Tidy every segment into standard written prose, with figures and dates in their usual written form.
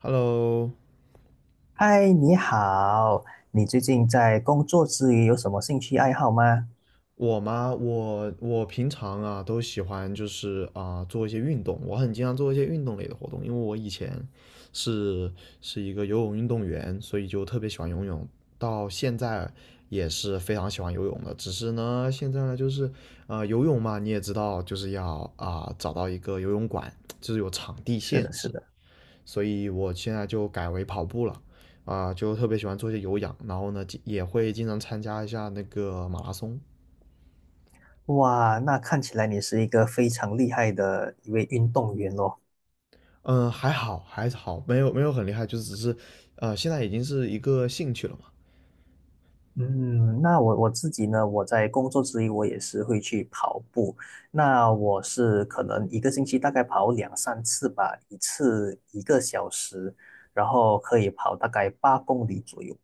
Hello，嗨，你好，你最近在工作之余有什么兴趣爱好吗？我吗？我平常啊都喜欢就是啊、做一些运动，我很经常做一些运动类的活动，因为我以前是是一个游泳运动员，所以就特别喜欢游泳，到现在也是非常喜欢游泳的。只是呢，现在呢就是游泳嘛，你也知道就是要啊、找到一个游泳馆，就是有场地是限的，是制，的。所以我现在就改为跑步了，啊、就特别喜欢做一些有氧，然后呢，也会经常参加一下那个马拉松。哇，那看起来你是一个非常厉害的一位运动员咯。嗯，还好，还好，没有没有很厉害，就只是，现在已经是一个兴趣了嘛。嗯，那我自己呢，我在工作之余我也是会去跑步。那我是可能一个星期大概跑两三次吧，一次一个小时，然后可以跑大概8公里左右。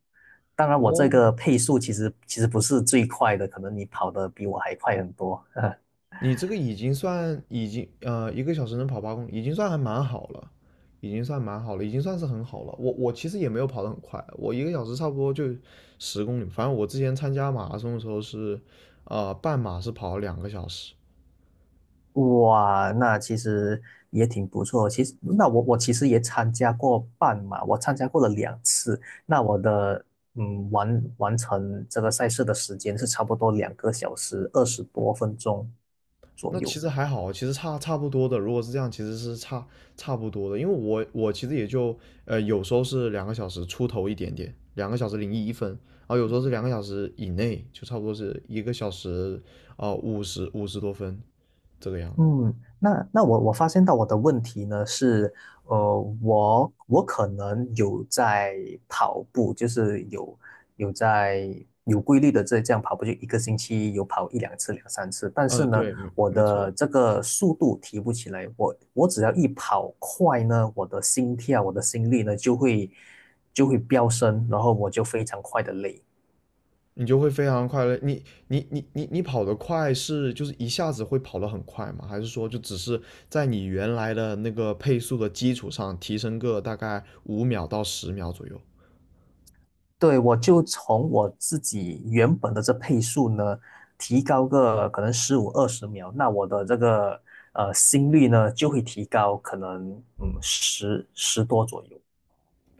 当然，我这哦，个配速其实不是最快的，可能你跑得比我还快很多。你这个已经算一个小时能跑8公里，已经算还蛮好了，已经算蛮好了，已经算是很好了。我其实也没有跑得很快，我一个小时差不多就10公里。反正我之前参加马拉松的时候是，半马是跑了两个小时，哇，那其实也挺不错。其实，那我其实也参加过半马，我参加过了两次。那我的完成这个赛事的时间是差不多2个小时20多分钟左那其右。实还好，其实差不多的。如果是这样，其实是差不多的，因为我其实也就有时候是2个小时出头一点点，2个小时零1分，然后有时候是2个小时以内，就差不多是一个小时啊五十多分这个样子。嗯，那我发现到我的问题呢是，我可能有在跑步，就是有在有规律的这样跑步，就一个星期有跑一两次、两三次，但是呢，对，没我没的错。这个速度提不起来，我只要一跑快呢，我的心跳、我的心率呢就会飙升，然后我就非常快的累。你就会非常快乐。你跑得快是就是一下子会跑得很快吗？还是说就只是在你原来的那个配速的基础上提升个大概5秒到10秒左右？对，我就从我自己原本的这配速呢，提高个可能15、20秒，那我的这个心率呢就会提高，可能十多左右。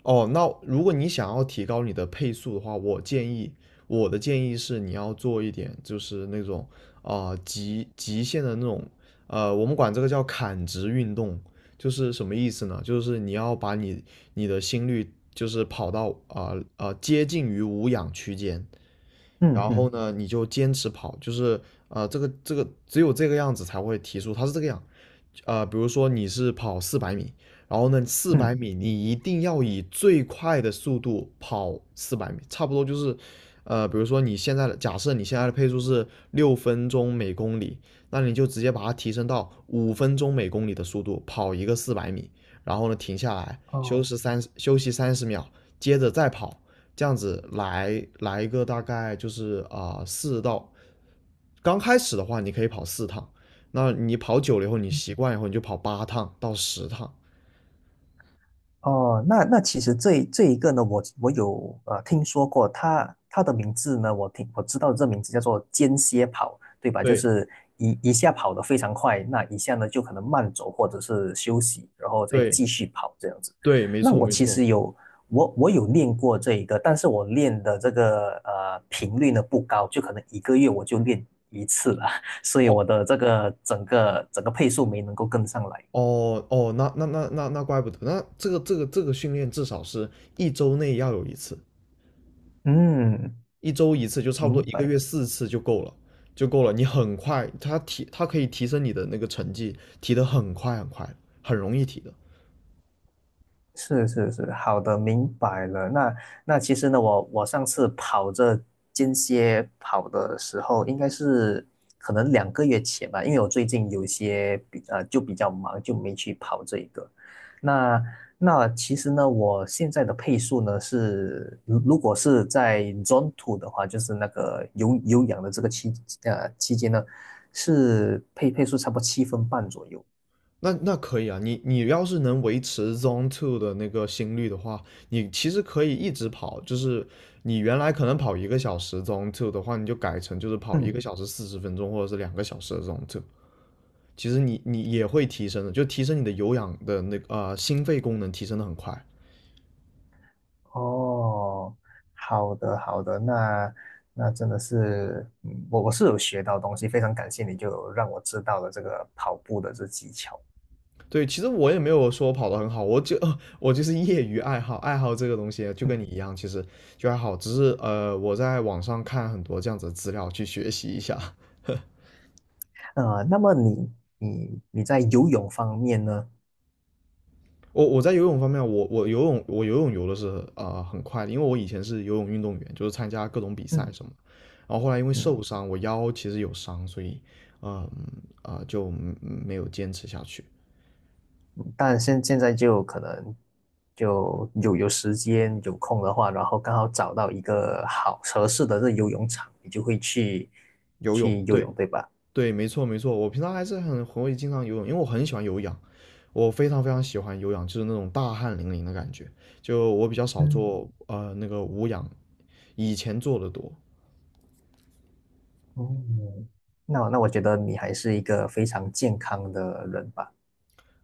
哦，那如果你想要提高你的配速的话，我建议，我的建议是你要做一点，就是那种啊、极限的那种，我们管这个叫砍直运动，就是什么意思呢？就是你要把你的心率就是跑到接近于无氧区间，嗯然后嗯呢，你就坚持跑，就是这个只有这个样子才会提速，它是这个样，比如说你是跑四百米，然后呢，四嗯，百米你一定要以最快的速度跑四百米，差不多就是，比如说你现在的假设你现在的配速是6分钟每公里，那你就直接把它提升到5分钟每公里的速度跑一个四百米，然后呢停下来休哦，息三休息30秒，接着再跑，这样子来一个大概就是啊四、到，刚开始的话你可以跑四趟，那你跑久了以后你习惯以后你就跑8趟到10趟，哦，那其实这一个呢，我有听说过他的名字呢，我知道这名字叫做间歇跑，对吧？就对是一下跑得非常快，那一下呢就可能慢走或者是休息，然后再对继续跑这样子。对，没那错我没其错，实有我有练过这一个，但是我练的这个频率呢不高，就可能一个月我就练一次了，所以哦我的这个整个配速没能够跟上来。哦哦，那怪不得，那这个训练至少是一周内要有一次，嗯，一周一次就差不多明一个白。月四次就够了。就够了，你很快，它提它可以提升你的那个成绩，提得很快很快，很容易提的。是是是，好的，明白了。那其实呢，我上次跑这间歇跑的时候，应该是可能2个月前吧，因为我最近有些就比较忙，就没去跑这一个。那那其实呢，我现在的配速呢是，如果是在 Zone Two 的话，就是那个有氧的这个期间呢，是配速差不多7分半左右。那那可以啊，你要是能维持 Zone Two 的那个心率的话，你其实可以一直跑，就是你原来可能跑一个小时 Zone Two 的话，你就改成就是跑一嗯。个小时40分钟或者是两个小时的 Zone Two，其实你也会提升的，就提升你的有氧的那个心肺功能提升的很快。哦，好的好的，那真的是，我是有学到东西，非常感谢你就有让我知道了这个跑步的这技巧。对，其实我也没有说跑的很好，我就 我就是业余爱好，爱好这个东西 就嗯，跟你一样，其实就还好，只是我在网上看很多这样子的资料去学习一下。那么你在游泳方面呢？我在游泳方面，我游泳游的是很快的，因为我以前是游泳运动员，就是参加各种比赛嗯。什么。然后后来因为受嗯，伤，我腰其实有伤，所以嗯就没有坚持下去。但现在就可能就有时间有空的话，然后刚好找到一个好合适的这游泳场，你就会去游泳，去游泳，对对吧？对，没错没错，我平常还是很会经常游泳，因为我很喜欢有氧，我非常非常喜欢有氧，就是那种大汗淋漓的感觉。就我比较少嗯做那个无氧，以前做的多。哦，那我觉得你还是一个非常健康的人吧。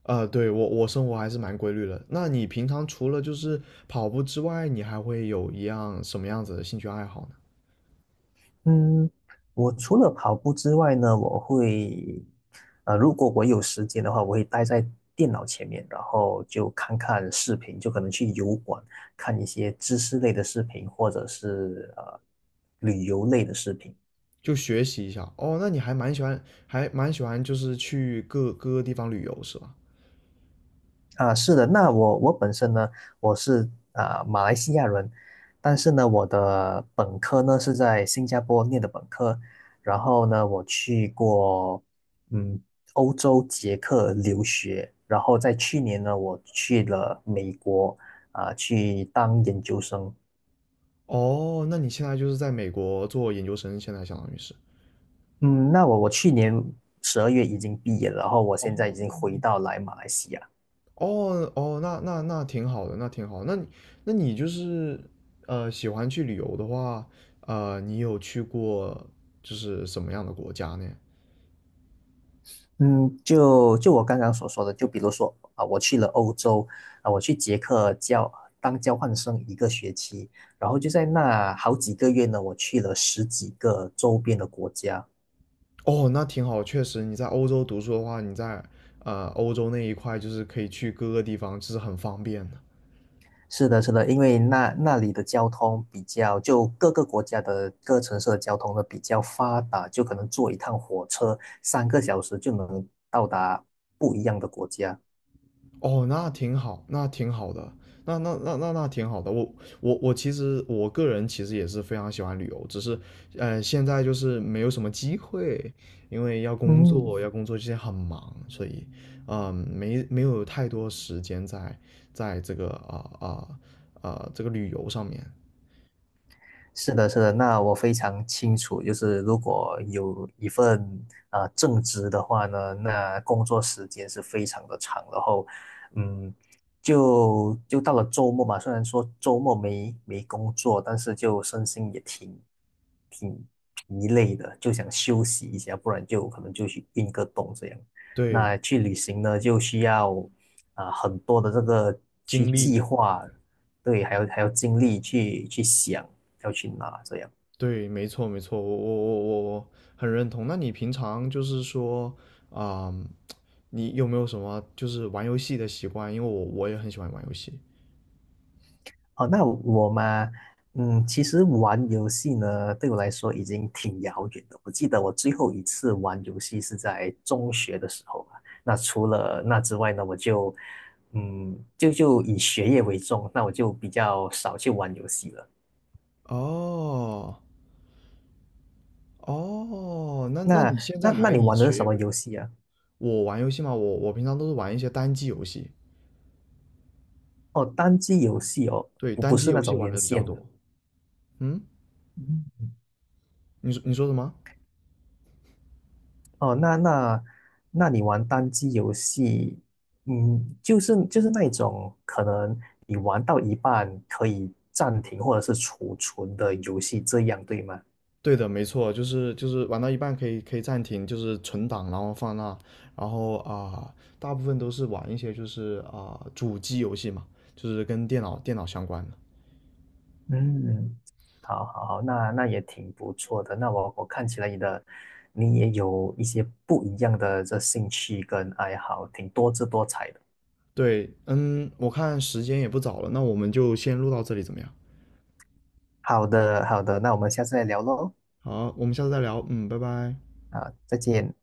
对，我我生活还是蛮规律的。那你平常除了就是跑步之外，你还会有一样什么样子的兴趣爱好呢？嗯，我除了跑步之外呢，我会，如果我有时间的话，我会待在电脑前面，然后就看看视频，就可能去油管看一些知识类的视频，或者是旅游类的视频。就学习一下。哦，那你还蛮喜欢，还蛮喜欢就是去各各个地方旅游是吧？啊，是的，那我本身呢，我是啊马来西亚人，但是呢，我的本科呢是在新加坡念的本科，然后呢，我去过嗯欧洲捷克留学，然后在去年呢，我去了美国啊去当研究生。哦，那你现在就是在美国做研究生，现在相当于是。嗯，那我去年12月已经毕业了，然后我现在哦已经回到来马来西亚。哦哦，那挺好的，那挺好的那你就是喜欢去旅游的话，你有去过就是什么样的国家呢？嗯，就我刚刚所说的，就比如说啊，我去了欧洲啊，我去捷克当交换生一个学期，然后就在那好几个月呢，我去了10几个周边的国家。哦，那挺好，确实你在欧洲读书的话，你在欧洲那一块就是可以去各个地方，这是很方便的。是的，是的，因为那里的交通比较，就各个国家的各城市的交通呢比较发达，就可能坐一趟火车3个小时就能到达不一样的国家。哦，那挺好，那挺好的，那挺好的。我其实我个人其实也是非常喜欢旅游，只是现在就是没有什么机会，因为要工嗯，作，要工作，现在很忙，所以没有太多时间在在这个啊啊这个旅游上面，是的，是的，那我非常清楚，就是如果有一份正职的话呢，那工作时间是非常的长，然后，嗯，就到了周末嘛，虽然说周末没工作，但是就身心也挺疲累的，就想休息一下，不然就可能就去运个动这样。对，那去旅行呢，就需要很多的这个去经历。计划，对，还有精力去想。要去哪这样。对，没错，没错，我很认同。那你平常就是说，啊、你有没有什么就是玩游戏的习惯？因为我我也很喜欢玩游戏。哦，那我嘛，其实玩游戏呢，对我来说已经挺遥远的。我记得我最后一次玩游戏是在中学的时候吧。那除了那之外呢，我就，就以学业为重，那我就比较少去玩游戏了。哦哦，那那你现那在那还你以玩的是学什业么为？游戏啊？我玩游戏嘛，我平常都是玩一些单机游戏，哦，单机游戏哦，对，不单机是那游戏种玩连的比较线的。多。嗯，你说什么？哦，那你玩单机游戏，就是那一种可能你玩到一半可以暂停或者是储存的游戏，这样对吗？对的，没错，就是玩到一半可以暂停，就是存档，然后放那，然后啊、大部分都是玩一些就是啊、主机游戏嘛，就是跟电脑相关的。嗯，好好好，那也挺不错的。那我看起来你也有一些不一样的这兴趣跟爱好，挺多姿多彩的。对，嗯，我看时间也不早了，那我们就先录到这里怎么样？好的好的，那我们下次再聊喽。好，我们下次再聊，嗯，拜拜。啊，再见。